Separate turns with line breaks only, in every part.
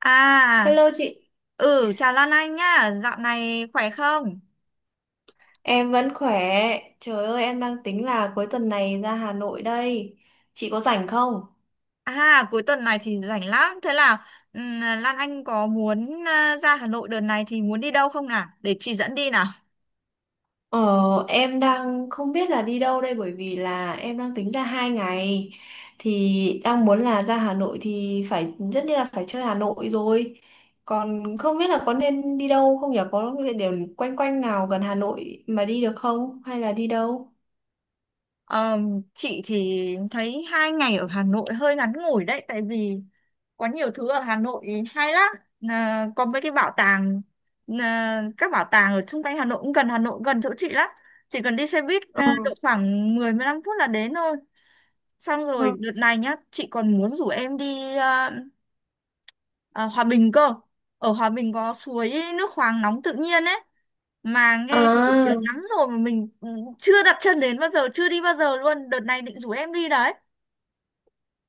À,
Hello chị,
ừ, chào Lan Anh nhá, dạo này khỏe không?
em vẫn khỏe. Trời ơi, em đang tính là cuối tuần này ra Hà Nội đây. Chị có rảnh không?
À, cuối tuần này thì rảnh lắm, thế là Lan Anh có muốn ra Hà Nội đợt này thì muốn đi đâu không nào? Để chị dẫn đi nào.
Ờ, em đang không biết là đi đâu đây bởi vì là em đang tính ra 2 ngày. Thì đang muốn là ra Hà Nội thì phải rất như là phải chơi Hà Nội rồi. Còn không biết là có nên đi đâu không nhỉ? Có địa điểm quanh quanh nào gần Hà Nội mà đi được không? Hay là đi đâu?
Ờ, chị thì thấy hai ngày ở Hà Nội hơi ngắn ngủi đấy, tại vì có nhiều thứ ở Hà Nội hay lắm. Có mấy cái bảo tàng, các bảo tàng ở xung quanh Hà Nội cũng gần Hà Nội, gần chỗ chị lắm, chỉ cần đi xe buýt độ khoảng mười, mười lăm phút là đến thôi. Xong
Ừ.
rồi đợt này nhá, chị còn muốn rủ em đi Hòa Bình cơ. Ở Hòa Bình có suối nước khoáng nóng tự nhiên ấy, mà nghe nổi
À.
tiếng lắm rồi, mà mình chưa đặt chân đến bao giờ, chưa đi bao giờ luôn, đợt này định rủ em đi đấy.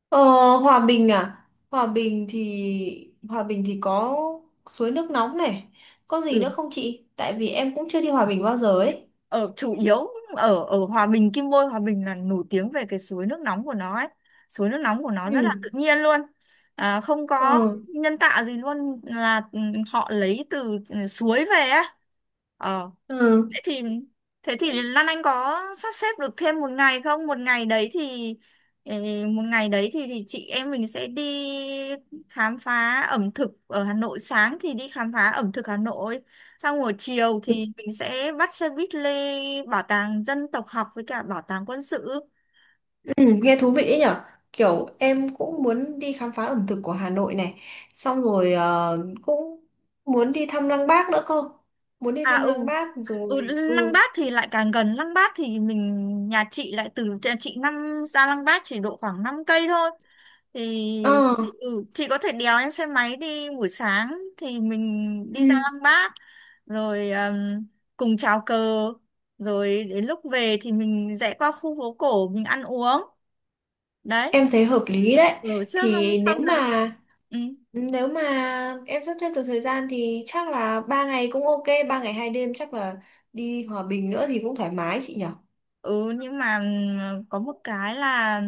Ờ, Hòa Bình à? Hòa Bình thì có suối nước nóng này. Có gì
Ừ.
nữa không chị? Tại vì em cũng chưa đi Hòa Bình bao giờ ấy.
ở chủ yếu ở ở Hòa Bình, Kim Bôi Hòa Bình là nổi tiếng về cái suối nước nóng của nó ấy, suối nước nóng của nó rất
Ừ.
là tự nhiên luôn, không có
Ừ.
nhân tạo gì luôn, là họ lấy từ suối về ấy. Ờ.
Ừ.
Thế thì thế thì Lan Anh có sắp xếp được thêm một ngày không? Một ngày đấy thì ừ, một ngày đấy thì, chị em mình sẽ đi khám phá ẩm thực ở Hà Nội, sáng thì đi khám phá ẩm thực Hà Nội, xong rồi chiều thì mình sẽ bắt xe buýt lên bảo tàng dân tộc học với cả bảo tàng quân sự.
Ừ, nghe thú vị ấy nhở, kiểu em cũng muốn đi khám phá ẩm thực của Hà Nội này, xong rồi cũng muốn đi thăm Lăng Bác nữa cơ, muốn đi
À,
thăm
ừ.
Lăng Bác
Ừ,
rồi
Lăng
ừ
Bác thì lại càng gần. Lăng Bác thì mình, nhà chị lại từ nhà chị năm ra Lăng Bác chỉ độ khoảng 5 cây thôi, thì
Ờ,
chị có thể đèo em xe máy đi. Buổi sáng thì mình
ừ.
đi ra Lăng Bác rồi cùng chào cờ, rồi đến lúc về thì mình rẽ qua khu phố cổ mình ăn uống đấy,
Em thấy hợp lý đấy,
rồi trước xong
thì nếu
xong
mà
đấy. Ừ.
Nếu mà em sắp xếp được thời gian thì chắc là 3 ngày cũng ok, 3 ngày 2 đêm chắc là đi Hòa Bình nữa thì cũng thoải mái chị nhỉ.
Ừ nhưng mà có một cái là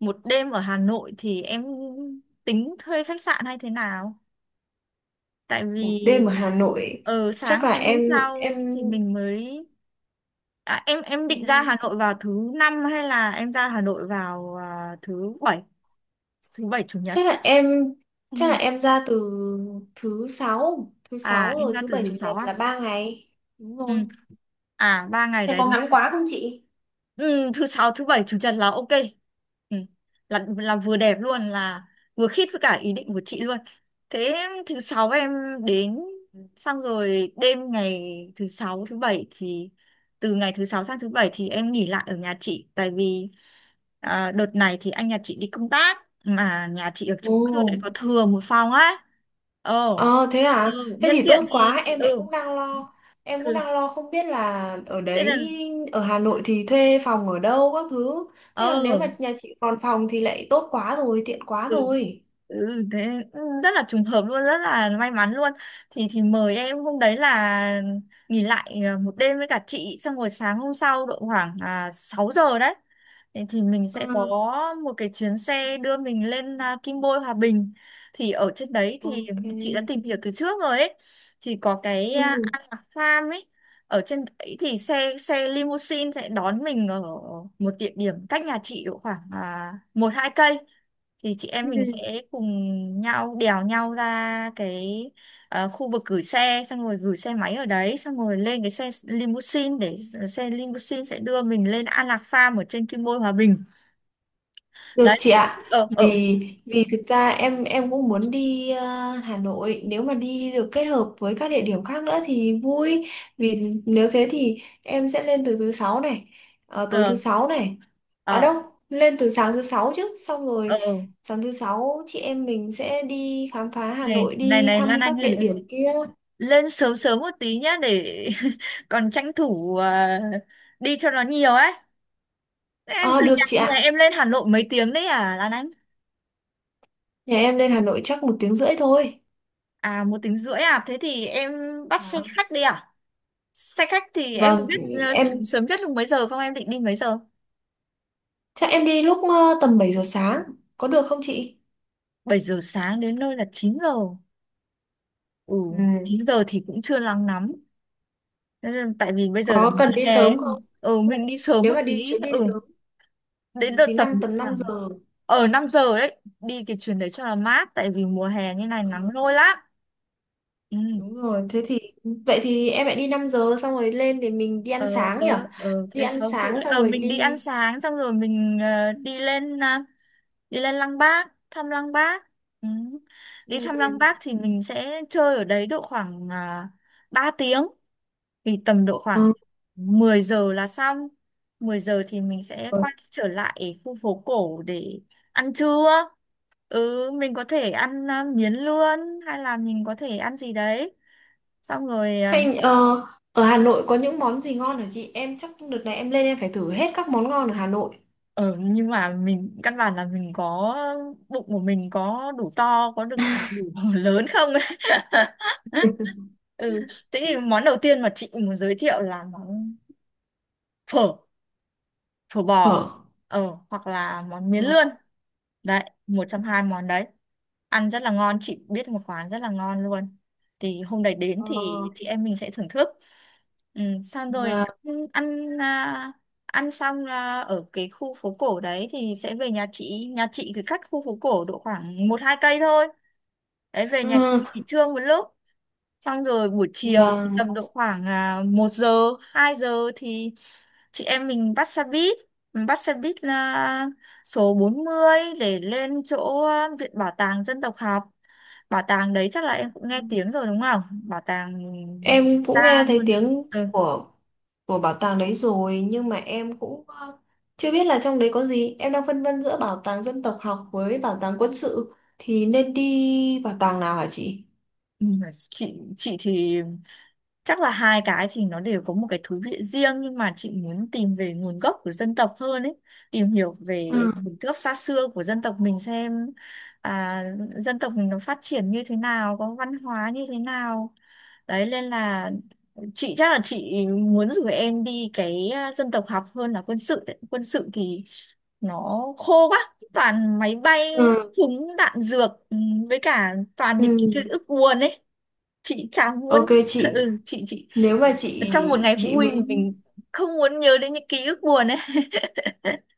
một đêm ở Hà Nội thì em tính thuê khách sạn hay thế nào? Tại
Một
vì
đêm ở Hà Nội
ở
chắc
sáng
là
ngày hôm sau
em
thì mình mới, em định ra
ừm,
Hà Nội vào thứ năm hay là em ra Hà Nội vào thứ bảy? Thứ bảy chủ nhật
chắc là em
tất
chắc là
nhiên.
em ra từ thứ sáu
À, em
rồi
ra
thứ
từ
bảy
thứ
chủ
sáu
nhật
à?
là 3 ngày. Đúng
Ừ.
rồi.
À, ba ngày
Thế
đấy.
có ngắn quá không chị?
Ừ, thứ sáu thứ bảy chủ nhật là ok. Ừ. là vừa đẹp luôn, là vừa khít với cả ý định của chị luôn. Thế thứ sáu em đến, xong rồi đêm ngày thứ sáu thứ bảy thì, từ ngày thứ sáu sang thứ bảy thì em nghỉ lại ở nhà chị. Tại vì đợt này thì anh nhà chị đi công tác, mà nhà chị ở chung cư lại
Ồ.
có thừa một phòng á. Ồ.
Ờ thế
Ừ.
à? Thế
Nhân
thì tốt
tiện thì
quá, em lại cũng đang lo. Em cũng
ừ
đang lo không biết là
thế là.
ở Hà Nội thì thuê phòng ở đâu các thứ. Thế là nếu
ờ
mà nhà chị còn phòng thì lại tốt quá rồi, tiện quá
ừ.
rồi.
Ừ, thế rất là trùng hợp luôn, rất là may mắn luôn. Thì mời em hôm đấy là nghỉ lại một đêm với cả chị, xong rồi sáng hôm sau độ khoảng 6 giờ đấy thì mình sẽ có
Ừ.
một cái chuyến xe đưa mình lên Kim Bôi Hòa Bình. Thì ở trên đấy thì
Ok.
chị đã tìm hiểu từ trước rồi ấy, thì có cái
Ừ.
An Lạc Farm ấy. Ở trên đấy thì xe xe limousine sẽ đón mình ở một địa điểm cách nhà chị độ khoảng một hai cây, thì chị em
Ừ.
mình sẽ cùng nhau đèo nhau ra cái khu vực gửi xe, xong rồi gửi xe máy ở đấy, xong rồi lên cái xe limousine để xe limousine sẽ đưa mình lên An Lạc Farm ở trên Kim Bôi Hòa Bình
Được
đấy.
chị ạ.
Ờ ờ
Vì vì thực ra em cũng muốn đi Hà Nội, nếu mà đi được kết hợp với các địa điểm khác nữa thì vui. Vì nếu thế thì em sẽ lên từ thứ sáu này, tối thứ
ờ
sáu này. Ở
ờ
đâu? Lên từ sáng thứ sáu chứ, xong
ờ
rồi sáng thứ sáu chị em mình sẽ đi khám phá Hà
Này
Nội,
này
đi
này
thăm
Lan Anh
các địa
ơi,
điểm kia.
lên sớm sớm một tí nhá để còn tranh thủ đi cho nó nhiều ấy. Em
Ờ,
từ
được
nhà,
chị
nhà
ạ.
em lên Hà Nội mấy tiếng đấy à Lan Anh?
Nhà em lên Hà Nội chắc 1 tiếng rưỡi thôi.
À, 1 tiếng rưỡi à? Thế thì em bắt xe
Đó.
khách đi à? Xe khách thì em có
Vâng,
biết
em
sớm nhất lúc mấy giờ không? Em định đi mấy giờ?
chắc em đi lúc tầm 7 giờ sáng. Có được không chị?
7 giờ sáng đến nơi là 9 giờ. Ừ,
Ừ.
9 giờ thì cũng chưa nắng lắm. Tại vì bây giờ là
Có
mùa
cần đi
hè ấy.
sớm không?
Ừ, mình đi sớm
Nếu
một
mà đi
tí.
chuyến đi
Ừ,
sớm ừ,
đến đợt
thì
tầm
tầm 5
khoảng
giờ.
ở 5 giờ đấy. Đi cái chuyến đấy cho là mát. Tại vì mùa hè như này nắng
Ờ,
lôi lắm. Ừ.
đúng rồi, thế thì vậy thì em lại đi 5 giờ xong rồi lên để mình đi ăn sáng nhỉ?
Ờ
Đi
Thế
ăn
6 rưỡi,
sáng xong rồi
mình đi ăn
đi
sáng xong rồi mình đi lên Lăng Bác thăm Lăng Bác. Ừ. Đi
ừ.
thăm Lăng Bác thì mình sẽ chơi ở đấy độ khoảng 3 tiếng, thì tầm độ
Ờ,
khoảng 10 giờ là xong. 10 giờ thì mình sẽ
Rồi.
quay trở lại khu phố cổ để ăn trưa. Ừ, mình có thể ăn miến lươn hay là mình có thể ăn gì đấy xong rồi. Ờ,
Hay ở Hà Nội có những món gì ngon hả chị? Em chắc đợt này em lên em phải thử hết các món ngon ở Hà Nội.
Ờ, nhưng mà mình căn bản là mình có, bụng của mình có đủ to, có được đủ lớn không ấy. ừ thế thì món đầu tiên mà chị muốn giới thiệu là món phở, phở bò,
Ờ.
hoặc là món miến
Ờ,
lươn. Đấy, một trong hai món đấy. Ăn rất là ngon, chị biết một quán rất là ngon luôn. Thì hôm đấy đến
ờ,
thì chị em mình sẽ thưởng thức. Ừ, xong rồi
và,
ăn ăn, à, ăn xong ở cái khu phố cổ đấy thì sẽ về nhà chị. Nhà chị thì cách khu phố cổ độ khoảng một hai cây thôi. Đấy, về nhà chị
ừ,
nghỉ trưa một lúc, xong rồi buổi chiều thì
và
tầm độ khoảng 1 giờ 2 giờ thì chị em mình bắt xe buýt. Mình bắt xe buýt là số 40 để lên chỗ Viện Bảo tàng Dân tộc học. Bảo tàng đấy chắc là em cũng nghe tiếng rồi đúng không, bảo tàng
em cũng
ta
nghe thấy
luôn đấy.
tiếng
Ừ.
của bảo tàng đấy rồi, nhưng mà em cũng chưa biết là trong đấy có gì. Em đang phân vân giữa bảo tàng dân tộc học với bảo tàng quân sự, thì nên đi bảo tàng nào hả chị?
Ừ, chị chị thì chắc là hai cái thì nó đều có một cái thú vị riêng, nhưng mà chị muốn tìm về nguồn gốc của dân tộc hơn ấy, tìm hiểu về nguồn gốc xa xưa của dân tộc mình xem à, dân tộc mình nó phát triển như thế nào, có văn hóa như thế nào. Đấy nên là chị chắc là chị muốn rủ em đi cái dân tộc học hơn là quân sự đấy. Quân sự thì nó khô quá, toàn máy bay,
Ừ.
súng đạn dược, với cả toàn những ký
Ừ.
ức buồn ấy, chị chẳng muốn
Ok chị,
chị
nếu mà chị
trong một ngày
chị
vui thì
muốn.
mình không muốn nhớ đến những ký ức buồn ấy.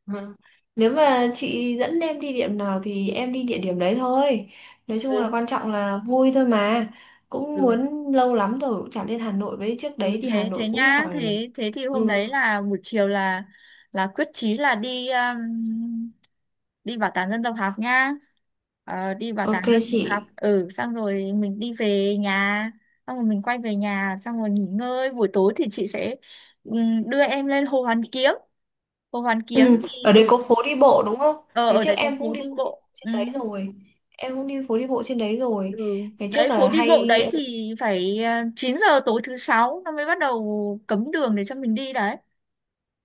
Ừ. Nếu mà chị dẫn em đi điểm nào thì em đi địa điểm đấy thôi, nói chung là
Ừ.
quan trọng là vui thôi mà, cũng
Ừ.
muốn lâu lắm rồi cũng chẳng lên Hà Nội, với trước
Ừ,
đấy thì Hà
thế
Nội
thế
cũng
nhá,
chẳng
thế thế thì hôm
ừ.
đấy là buổi chiều là quyết chí là đi, đi bảo tàng dân tộc học nhá. Ờ, đi bảo tàng
Ok
dân
chị.
tộc học. Ừ, xong rồi mình đi về nhà, xong rồi mình quay về nhà xong rồi nghỉ ngơi. Buổi tối thì chị sẽ đưa em lên Hồ Hoàn Kiếm. Hồ Hoàn Kiếm
Ừ,
thì
ở đây có phố đi bộ đúng không?
ờ,
Ngày
ở
trước
đấy có
em cũng
phố
đi
đi
phố đi
bộ.
bộ
Ừ.
trên đấy rồi. Em cũng đi phố đi bộ trên đấy rồi.
Ừ.
Ngày trước
Đấy, phố
là
đi bộ
hay
đấy thì phải 9 giờ tối thứ sáu nó mới bắt đầu cấm đường để cho mình đi đấy.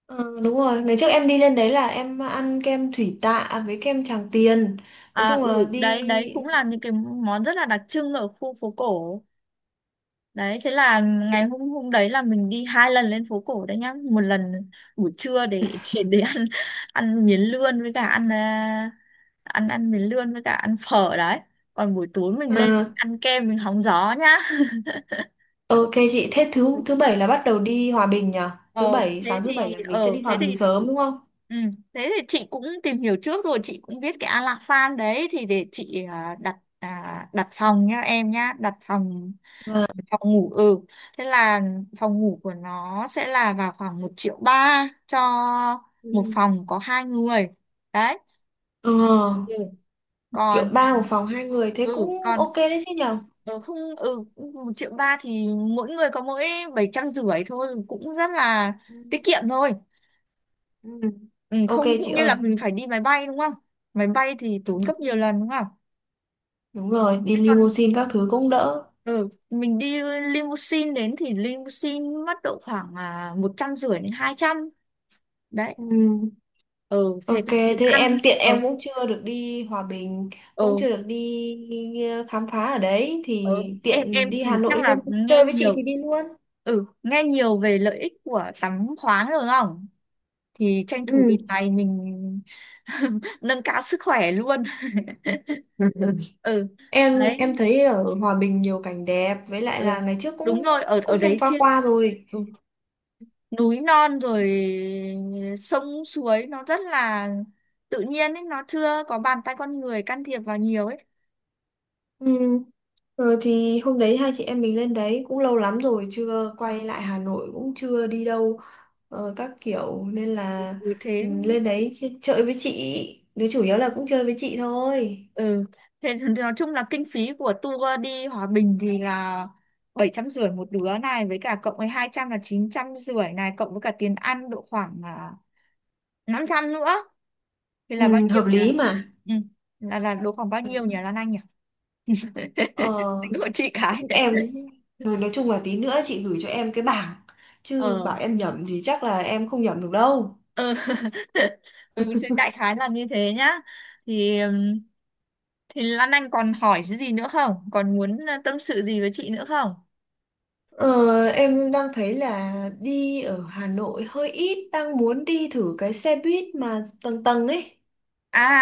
ờ, Đúng rồi, ngày trước em đi lên đấy là em ăn kem Thủy Tạ với kem Tràng Tiền. Nói
À,
chung là
đấy đấy cũng là những cái món rất là đặc trưng ở khu phố cổ đấy. Thế là ngày hôm hôm đấy là mình đi hai lần lên phố cổ đấy nhá, một lần buổi trưa để để ăn ăn miến lươn với cả ăn, à, ăn ăn miến lươn với cả ăn phở đấy, còn buổi tối mình lên
ờ,
ăn kem, mình hóng gió nhá.
ok chị, thế thứ thứ bảy là bắt đầu đi Hòa Bình nhỉ? Thứ
Ờ,
bảy Sáng thứ bảy là mình sẽ
ờ
đi Hòa
thế
Bình
thì
sớm đúng không?
ừ, thế thì chị cũng tìm hiểu trước rồi, chị cũng biết cái Alasan đấy, thì để chị đặt phòng nhá em, nhá đặt phòng, phòng ngủ. Ừ Thế là phòng ngủ của nó sẽ là vào khoảng 1,3 triệu cho một
Ừ.
phòng có hai người đấy.
Ờ,
Ừ.
một
Còn
triệu ba một phòng hai người thế
ừ
cũng
còn
ok đấy chứ nhỉ?
không 1,3 triệu thì mỗi người có mỗi 750 nghìn thôi, cũng rất là
Ừ.
tiết kiệm thôi.
Ừ.
Ừ,
Ok
Không cũng
chị
như
ơi.
là mình phải đi máy bay đúng không, máy bay thì tốn gấp nhiều
Đúng.
lần đúng không.
Đúng rồi, đi
Thế còn
limousine các thứ cũng đỡ.
ừ, mình đi limousine đến thì limousine mất độ khoảng 150 nghìn đến 200 nghìn đấy.
Ừ.
Ừ Thế
Ok,
tiền
thế
ăn.
em tiện
ờ
em cũng chưa được đi Hòa Bình, cũng
ừ,
chưa được đi khám phá ở đấy,
Ờ,
thì
em
tiện đi
thì
Hà
chắc
Nội
là
lên
nghe
chơi với chị
nhiều,
thì đi luôn.
nghe nhiều về lợi ích của tắm khoáng rồi không? Thì tranh thủ đợt
Ừ.
này mình nâng cao sức khỏe luôn. Ừ.
Em
Đấy.
em thấy ở Hòa Bình nhiều cảnh đẹp, với lại là
Ừ.
ngày trước
Đúng
cũng
rồi, ở ở
cũng xem
đấy
qua
thiên.
qua rồi.
Ừ. Núi non rồi, sông suối nó rất là tự nhiên ấy, nó chưa có bàn tay con người can thiệp vào nhiều ấy.
Ừ. Thì hôm đấy hai chị em mình lên đấy cũng lâu lắm rồi, chưa quay lại Hà Nội cũng chưa đi đâu các kiểu nên
ừ,
là
thế
lên đấy chơi với chị, đứa chủ yếu là cũng chơi với chị thôi.
ừ Thế thì nói chung là kinh phí của tour đi Hòa Bình thì là 750 nghìn một đứa này, với cả cộng với 200 nghìn là 950 nghìn này, cộng với cả tiền ăn độ khoảng 500 nghìn nữa, thì
ừ,
là bao nhiêu
Hợp
nhỉ?
lý mà.
Ừ. là độ khoảng bao nhiêu nhỉ Lan Anh nhỉ?
ờ,
Tính của chị cái.
cũng em rồi, nói chung là tí nữa chị gửi cho em cái bảng, chứ
ờ
bảo em nhẩm thì chắc là em không nhẩm được đâu.
ừ. Ừ thì đại khái là như thế nhá. Thì Lan Anh còn hỏi cái gì nữa không, còn muốn tâm sự gì với chị nữa không?
Ờ, em đang thấy là đi ở Hà Nội hơi ít, đang muốn đi thử cái xe buýt mà tầng tầng ấy,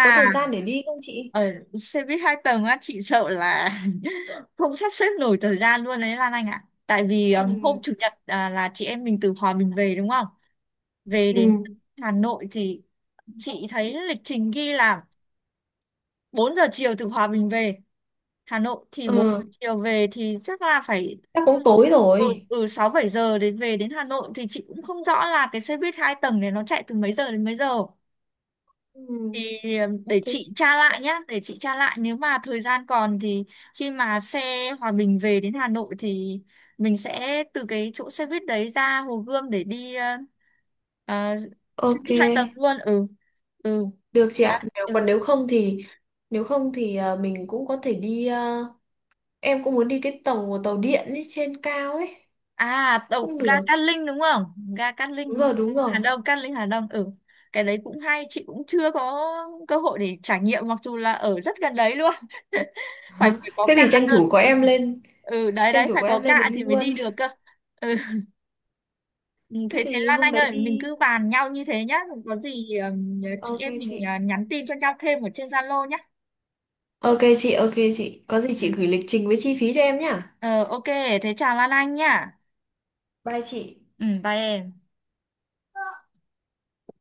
có thời gian để đi không chị?
ở xe buýt hai tầng á, chị sợ là không sắp xếp nổi thời gian luôn đấy Lan Anh ạ, tại vì hôm
ừ
chủ nhật là chị em mình từ Hòa Bình về đúng không, về
ừ
đến Hà Nội thì chị thấy lịch trình ghi là 4 giờ chiều từ Hòa Bình về Hà Nội, thì
ờ
4 giờ chiều về thì chắc là phải
Chắc cũng tối rồi.
6 7 giờ để về đến Hà Nội. Thì chị cũng không rõ là cái xe buýt hai tầng này nó chạy từ mấy giờ đến mấy giờ,
Ừ,
thì để
thế
chị tra lại nhá, để chị tra lại. Nếu mà thời gian còn thì khi mà xe Hòa Bình về đến Hà Nội thì mình sẽ từ cái chỗ xe buýt đấy ra Hồ Gươm để đi ờ, xe
ok,
buýt hai tầng luôn. Ừ. Ừ.
được chị
Đấy.
ạ. nếu
Ừ.
còn nếu không thì nếu không thì mình cũng có thể đi, em cũng muốn đi cái tàu tàu điện ấy, trên cao ấy
Tàu
cũng
ga
được.
Cát Linh đúng không? Ga Cát
Đúng rồi,
Linh
đúng
Hà
rồi.
Đông, Cát Linh Hà Đông. Ừ, cái đấy cũng hay, chị cũng chưa có cơ hội để trải nghiệm, mặc dù là ở rất gần đấy luôn phải phải có
thế
cạ
thì tranh
cơ.
thủ có
Ừ.
em lên
Ừ, đấy
Tranh
đấy
thủ
phải
có em
có
lên thì
cạ thì
đi
mới
luôn.
đi được cơ. Ừ. Ừ,
Thế
thế thế
thì
Lan
hôm
Anh
đấy
ơi, mình
đi.
cứ bàn nhau như thế nhá, có gì chị
Ok
em mình
chị.
nhắn tin cho nhau thêm ở trên Zalo nhá.
Ok chị, ok chị, có gì
Ừ.
chị gửi lịch trình với chi phí cho em nhá.
ờ ok thế chào Lan Anh nhá.
Bye chị
Ừ bye em.